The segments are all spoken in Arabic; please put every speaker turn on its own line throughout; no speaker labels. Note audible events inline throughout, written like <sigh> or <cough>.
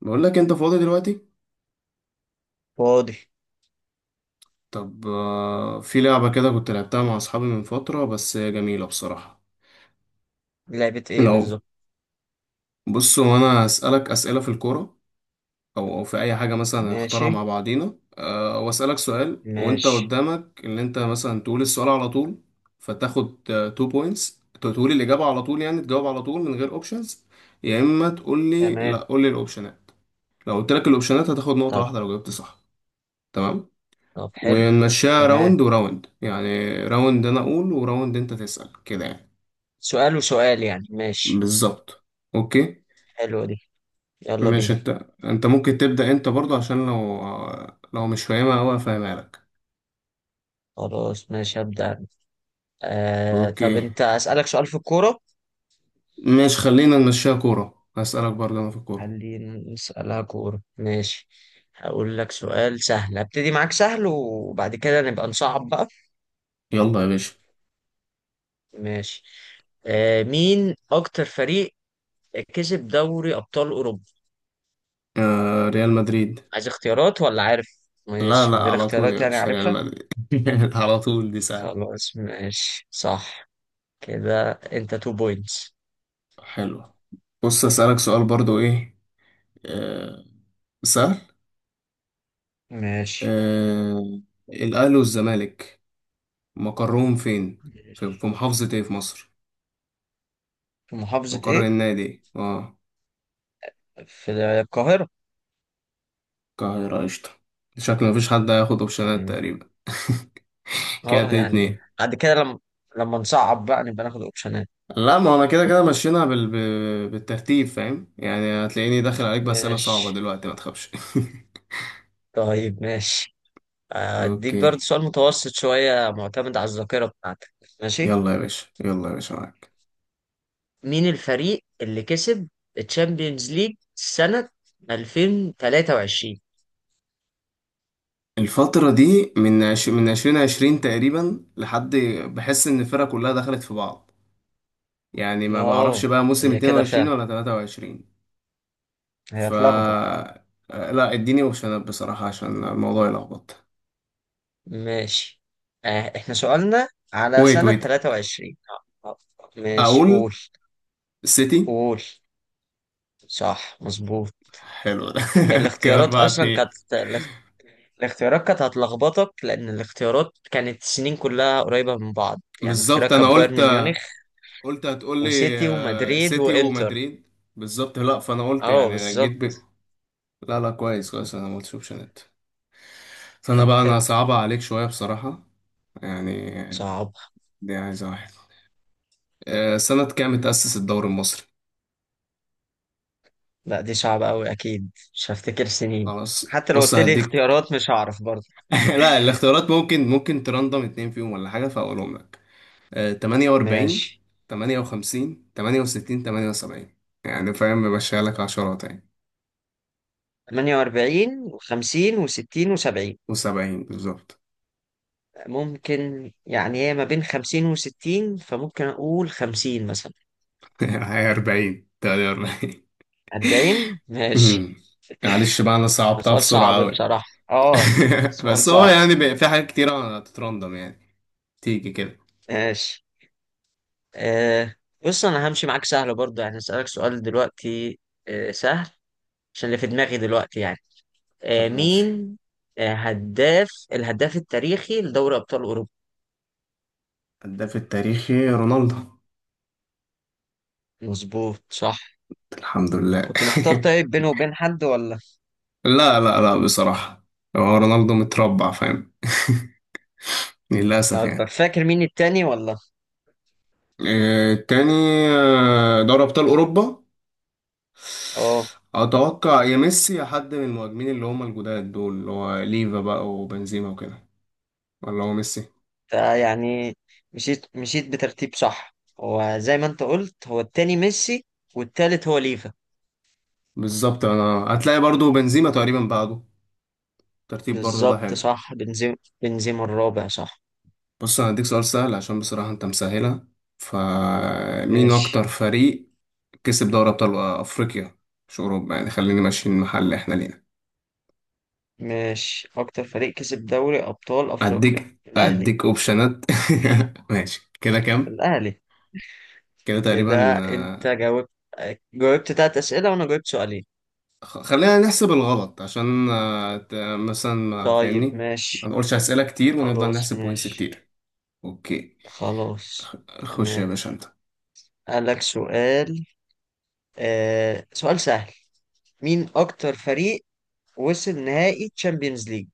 بقول لك انت فاضي دلوقتي.
فاضي.
طب، في لعبة كده كنت لعبتها مع اصحابي من فترة، بس هي جميلة بصراحة.
لعبة ايه
لو
بالظبط؟
بص، هو انا اسالك اسئلة في الكورة او في اي حاجة مثلا هنختارها
ماشي.
مع بعضينا، واسالك سؤال وانت
ماشي.
قدامك ان انت مثلا تقول السؤال على طول، فتاخد 2 بوينتس، تقول الإجابة على طول يعني تجاوب على طول من غير اوبشنز، يا اما تقول لي لا،
تمام.
قول لي الاوبشنات. لو قلت لك الاوبشنات هتاخد نقطة
طب.
واحدة لو جاوبت صح. تمام.
طب حلو.
ونمشيها
تمام.
راوند وراوند، يعني راوند انا اقول وراوند انت تسأل كده يعني.
سؤال وسؤال يعني، ماشي.
بالظبط. اوكي.
حلوة دي. يلا
ماشي.
بينا.
انت ممكن تبدأ انت برضو، عشان لو مش فاهمها اوي افهمها لك.
خلاص ماشي، هبدأ أنا. آه
اوكي.
طب انت، اسألك سؤال في الكورة.
ماشي، خلينا نمشيها كورة، هسألك برضو انا في الكورة.
خلينا نسألها كورة ماشي. هقول لك سؤال سهل، هبتدي معاك سهل وبعد كده نبقى نصعب بقى.
يلا يا باشا.
ماشي. آه، مين اكتر فريق كسب دوري ابطال اوروبا؟
ريال مدريد.
عايز اختيارات ولا عارف؟
لا
ماشي
لا،
من غير
على طول
اختيارات
يا
يعني
باشا، ريال
عارفها.
مدريد <laughs> على طول، دي سهلة.
خلاص ماشي صح. كده انت تو بوينتس.
حلو. بص، أسألك سؤال برضو، ايه، آه سهل.
ماشي.
آه الأهلي والزمالك مقرهم فين؟ في
ماشي.
محافظة ايه في مصر؟
في محافظة
مقر
ايه؟
النادي إيه؟ اه،
في القاهرة.
القاهرة قشطة. شكل مفيش حد هياخد اوبشنات
مم.
تقريبا <laughs> كده
اه
اتنين
يعني
اتنين.
بعد كده لما، لما نصعب بقى نبقى ناخد اوبشنات.
لا، ما انا كده كده مشينا بالترتيب، فاهم يعني، هتلاقيني داخل عليك بأسئلة صعبة
ماشي.
دلوقتي، ما تخافش.
طيب ماشي.
<laughs>
اديك برضه
اوكي،
سؤال متوسط شوية معتمد على الذاكرة بتاعتك. ماشي.
يلا يا باشا، يلا يا باشا، معاك.
مين الفريق اللي كسب الشامبيونز ليج سنة 2023؟
الفترة دي من من عشرين عشرين تقريبا لحد، بحس ان الفرقة كلها دخلت في بعض. يعني ما بعرفش
اه
بقى موسم
هي
اتنين
كده
وعشرين
فعلا،
ولا تلاتة وعشرين،
هي
ف
اتلخبط.
آه، لا، اديني اوبشنات بصراحة عشان الموضوع يلخبط.
ماشي. آه احنا سؤالنا على
ويت،
سنة
ويت.
23. آه، ماشي
اقول
قول.
سيتي.
قول. صح مظبوط.
حلو ده. <laughs> كده
الاختيارات
أربعة
اصلا
اتنين.
كانت الاختيارات كانت هتلخبطك، لان الاختيارات كانت السنين كلها قريبة من بعض. يعني
بالظبط،
اختيارات
انا
كانت
قلت
بايرن ميونخ
قلت هتقول لي
وسيتي ومدريد
سيتي
وانتر.
ومدريد. بالظبط. لا، فانا قلت
اه
يعني انا
بالظبط.
جيت بك. لا لا، كويس كويس، انا ما قلتش اوبشنات. فانا
طب
بقى انا
حلو.
صعبة عليك شوية بصراحة يعني.
صعب.
دي عايزة واحد. سنة كام اتأسس الدوري المصري؟
لا دي صعبة قوي، اكيد مش هفتكر سنين.
خلاص،
حتى لو
بص،
قلت لي
هديك.
اختيارات مش هعرف برضه.
<laughs> لا، الاختيارات ممكن ترندم اتنين فيهم ولا حاجة فاقولهم لك. 48،
ماشي.
58، 68، 78، يعني فاهم بمشيها لك عشرات يعني.
48 و50 و60 و70.
و70، بالظبط.
ممكن يعني هي ما بين 50 و60، فممكن أقول 50 مثلا.
<laughs> هي 40، 48.
40 ماشي.
أمم. <laughs> معلش بقى، انا
ما
صعبتها
سؤال
بسرعة
صعب
أوي. <laughs>
بصراحة. اه، سؤال
بس هو
صعب.
يعني في حاجات كتيرة هتترندم يعني، تيجي كده.
ماشي. آه بص أنا همشي معاك سهل برضه، يعني هسألك سؤال دلوقتي. آه سهل. عشان اللي في دماغي دلوقتي يعني. آه
طب ماشي.
مين، آه هداف الهداف التاريخي لدوري أبطال أوروبا.
الهداف التاريخي رونالدو.
مظبوط صح.
الحمد لله.
كنت محتار طيب بينه وبين حد ولا.
<laughs> لا لا لا، بصراحة هو رونالدو متربع فاهم. <laughs> للأسف
طب
يعني.
فاكر مين التاني ولا.
تاني، دوري أبطال أوروبا،
اه
أتوقع يا ميسي يا حد من المهاجمين اللي هما الجداد دول، اللي هو ليفا بقى وبنزيما وكده، ولا هو ميسي.
يعني مشيت مشيت بترتيب صح، هو زي ما انت قلت هو التاني ميسي والتالت هو ليفا.
بالظبط. أنا هتلاقي برضو بنزيما تقريبا بعده ترتيب برضو، ده
بالظبط
حلو.
صح بنزيما. بنزيما الرابع صح.
بص، أنا هديك سؤال سهل عشان بصراحة أنت مسهلها. فمين
ماشي.
أكتر فريق كسب دوري أبطال أفريقيا؟ مش أوروبا يعني، خليني ماشيين محل إحنا لينا.
ماشي اكتر فريق كسب دوري ابطال افريقيا.
أديك
الاهلي.
أديك أوبشنات. <laughs> ماشي، كده كام؟
الاهلي.
كده تقريبا.
كده انت جاوبت، جاوبت 3 اسئله وانا جاوبت سؤالين.
خلينا نحسب الغلط، عشان مثلا ما
طيب
فاهمني. ما
ماشي.
نقولش أسئلة كتير ونفضل
خلاص
نحسب بوينتس
ماشي.
كتير. اوكي.
خلاص.
خش يا
تمام.
باشا انت.
قالك سؤال. آه سؤال سهل. مين اكتر فريق وصل نهائي تشامبيونز ليج؟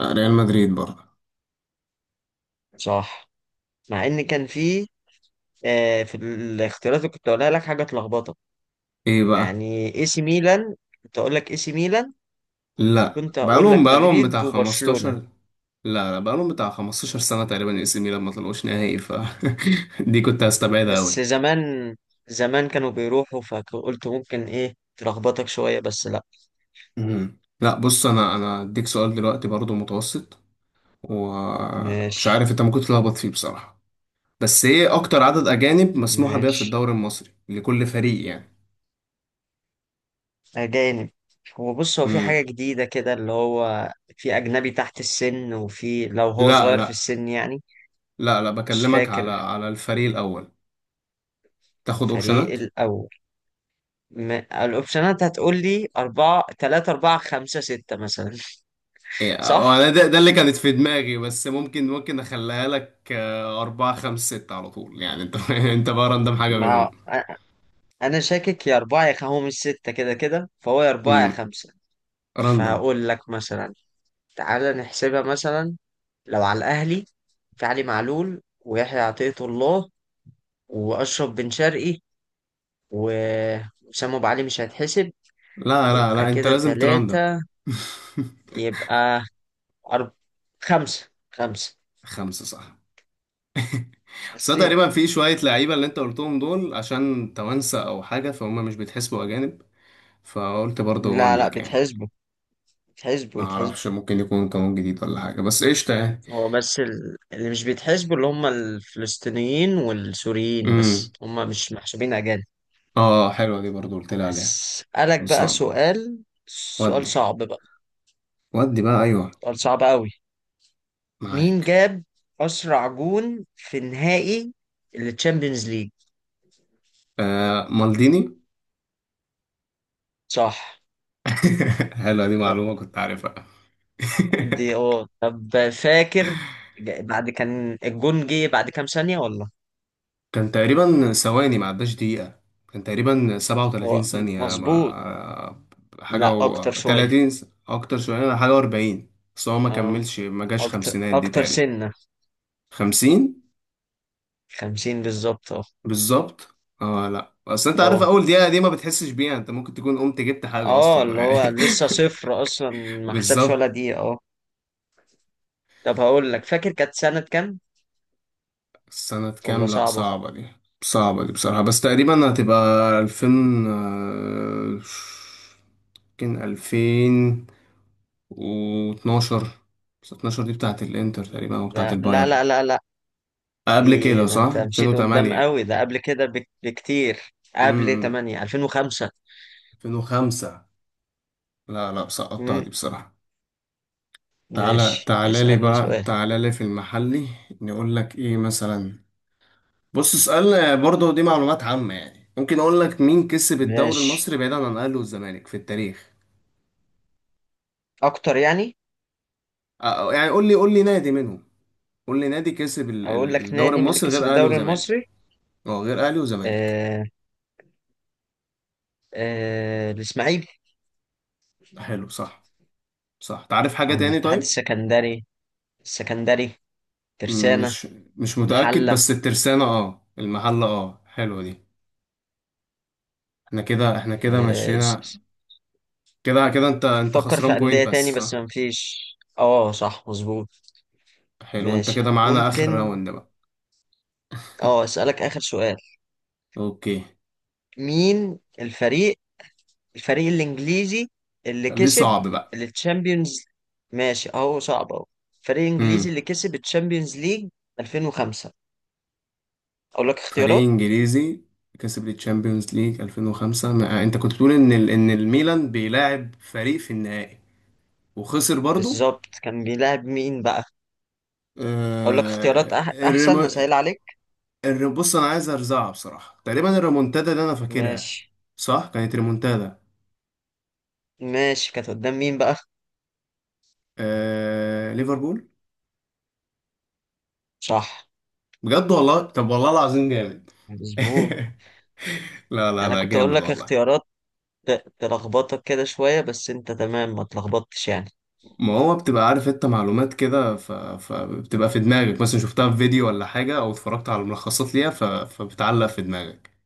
ريال مدريد برضه.
صح. مع ان كان فيه، آه، في الاختيارات اللي كنت اقولها لك حاجه تلخبطك.
ايه بقى.
يعني اي سي ميلان. كنت اقول لك اي سي ميلان.
لا،
كنت اقول
بقالهم
لك
بقالهم
مدريد
بتاع
وبرشلونه.
15، لا لا، بقالهم بتاع 15 سنة تقريبا، اي سي ميلان ما طلعوش نهائي ف، <laughs> دي كنت هستبعدها
بس
قوي.
زمان، زمان كانوا بيروحوا، فقلت ممكن ايه تلخبطك شويه بس لا.
لا، بص، انا اديك سؤال دلوقتي برضه متوسط، ومش
ماشي.
عارف انت ممكن تتلخبط فيه بصراحة. بس ايه اكتر عدد اجانب مسموح بيها في
ماشي.
الدوري المصري لكل فريق يعني؟
اجانب. هو بص هو في
امم
حاجه جديده كده اللي هو، في اجنبي تحت السن، وفي لو هو
لا
صغير في
لا
السن يعني.
لا لا،
مش
بكلمك على
فاكر.
الفريق الاول. تاخد
الفريق
اوبشنات.
الاول. الاوبشنات هتقول لي أربعة تلاتة أربعة خمسة ستة مثلا.
إيه،
صح؟
وانا ده اللي كانت في دماغي، بس ممكن اخليها لك أربعة خمسة ستة، على طول يعني انت <laughs> انت بقى راندم حاجة
ما
منهم.
أ- أنا شاكك يا أربعة هو مش ستة كده كده، فهو يا أربعة يا
امم
خمسة.
راندم.
فهقول لك مثلا. تعالى نحسبها مثلا. لو على الأهلي، في علي معلول ويحيى عطية الله وأشرف بن شرقي، وأسامة أبو علي مش هيتحسب.
لا لا
يبقى
لا، انت
كده
لازم تراندم.
3.
<laughs>
يبقى أرب... خمسة خمسة.
خمسة صح. <laughs> بس أنا
حسيت.
تقريبا في شوية لعيبة اللي انت قلتهم دول عشان توانسة او حاجة، فهم مش بيتحسبوا اجانب، فقلت برضه
لا
اقول
لا
لك يعني.
بتحسبه بتحسبه
ما
بتحسبه.
اعرفش، ممكن يكون قانون جديد ولا حاجه، بس قشطه يعني.
هو بس اللي مش بيتحسبوا اللي هم الفلسطينيين والسوريين،
امم
بس هم مش محسوبين أجانب.
اه، حلوه دي برضه قلت لي عليها.
هسألك بقى
خلصانه.
سؤال. سؤال
ودي
صعب بقى.
ودي بقى، ايوه،
سؤال صعب قوي. مين
معاك.
جاب أسرع جون في نهائي التشامبيونز ليج؟
مالديني.
صح.
<laughs> حلوه دي،
طب
معلومه كنت عارفها. <laughs>
دي اه. طب فاكر بعد كان الجون جه بعد كام ثانية ولا.
كان تقريبا ثواني، ما عداش دقيقه. كان تقريبا 37
هو
ثانيه،
مظبوط.
ما حاجه
لا أكتر
و
شوية.
30، اكتر شويه، حاجه و40. بس هو ما
اه
كملش، ما جاش
أكتر
خمسينات دي،
أكتر
تقريبا
سنة.
50
50 بالظبط اه.
بالظبط، اه. لا، اصل انت عارف
اه.
اول دقيقه دي ما بتحسش بيها، انت ممكن تكون قمت جبت حاجه
اه
اصلا.
اللي هو لسه
<laughs>
صفر اصلا، ما حسبش
بالظبط.
ولا دقيقة. اه. طب هقول لك فاكر كانت سنة كام.
سنه
ولا
كام؟ لا
صعبة.
صعبه دي. صعبه دي بصراحه، بس تقريبا هتبقى 2000، آه، يمكن 2012، بس 12 دي بتاعه الانتر تقريبا او بتاعه
لا لا
البايرن.
لا لا لا.
قبل
دي
كده
ده
صح
انت مشيت قدام
2008.
قوي، ده قبل كده بكتير. قبل
امم
8، 2005.
2005. لا لا، سقطتها
امم.
دي بصراحه. تعالى
ماشي
تعالى لي
اسألني
بقى،
سؤال.
تعالى لي في المحلي. نقول لك ايه مثلا. بص، اسأل برضه، دي معلومات عامة يعني، ممكن اقول لك مين كسب الدوري
ماشي
المصري بعيدا عن الاهلي والزمالك في التاريخ.
اكتر يعني.
يعني قول لي نادي منهم، قول لي نادي كسب
اقول لك
الدوري
نادي من اللي
المصري غير
كسب
اهلي
الدوري
وزمالك.
المصري.
اه، غير اهلي وزمالك.
آه. آه الاسماعيلي.
حلو صح. صح، تعرف حاجة
او
تاني
الاتحاد
طيب؟
السكندري. السكندري.
م-
ترسانة.
مش مش متأكد،
محلة.
بس الترسانة، اه، المحلة، اه حلوة دي. احنا كده احنا كده
آه.
مشينا. كده كده، انت
فكر
خسران
في
بوينت
أندية تاني
بس
بس
صح.
مفيش. اه صح مظبوط.
حلو، انت
ماشي
كده معانا اخر
ممكن.
راوند بقى.
اه أسألك آخر سؤال.
اوكي.
مين الفريق، الفريق الإنجليزي اللي
خليه
كسب
صعب بقى.
التشامبيونز. ماشي اهو صعب اهو. الفريق الإنجليزي
امم
اللي كسب التشامبيونز ليج 2005. أقول لك
فريق
اختيارات.
انجليزي كسب الشامبيونز ليج 2005، انت كنت بتقول ان ان الميلان بيلاعب فريق في النهائي، وخسر برضو.
بالظبط كان بيلعب مين بقى؟ أقول لك اختيارات
آه...
أحسن
الريمو...
أسهل عليك.
بص، انا عايز ارزعها بصراحة، تقريبا الريمونتادا اللي انا فاكرها.
ماشي.
صح كانت ريمونتادا.
ماشي كانت قدام مين بقى؟
ليفربول.
صح
بجد والله، طب والله العظيم جامد. <laughs>
مظبوط.
لا
يعني
لا
أنا
لا
كنت أقول
جامد
لك
والله.
اختيارات تلخبطك كده شوية، بس انت تمام ما تلخبطتش يعني.
ما هو بتبقى عارف انت معلومات كده، فبتبقى في دماغك، مثلا شفتها في فيديو ولا حاجة، او اتفرجت على ملخصات ليها، فبتعلق في دماغك.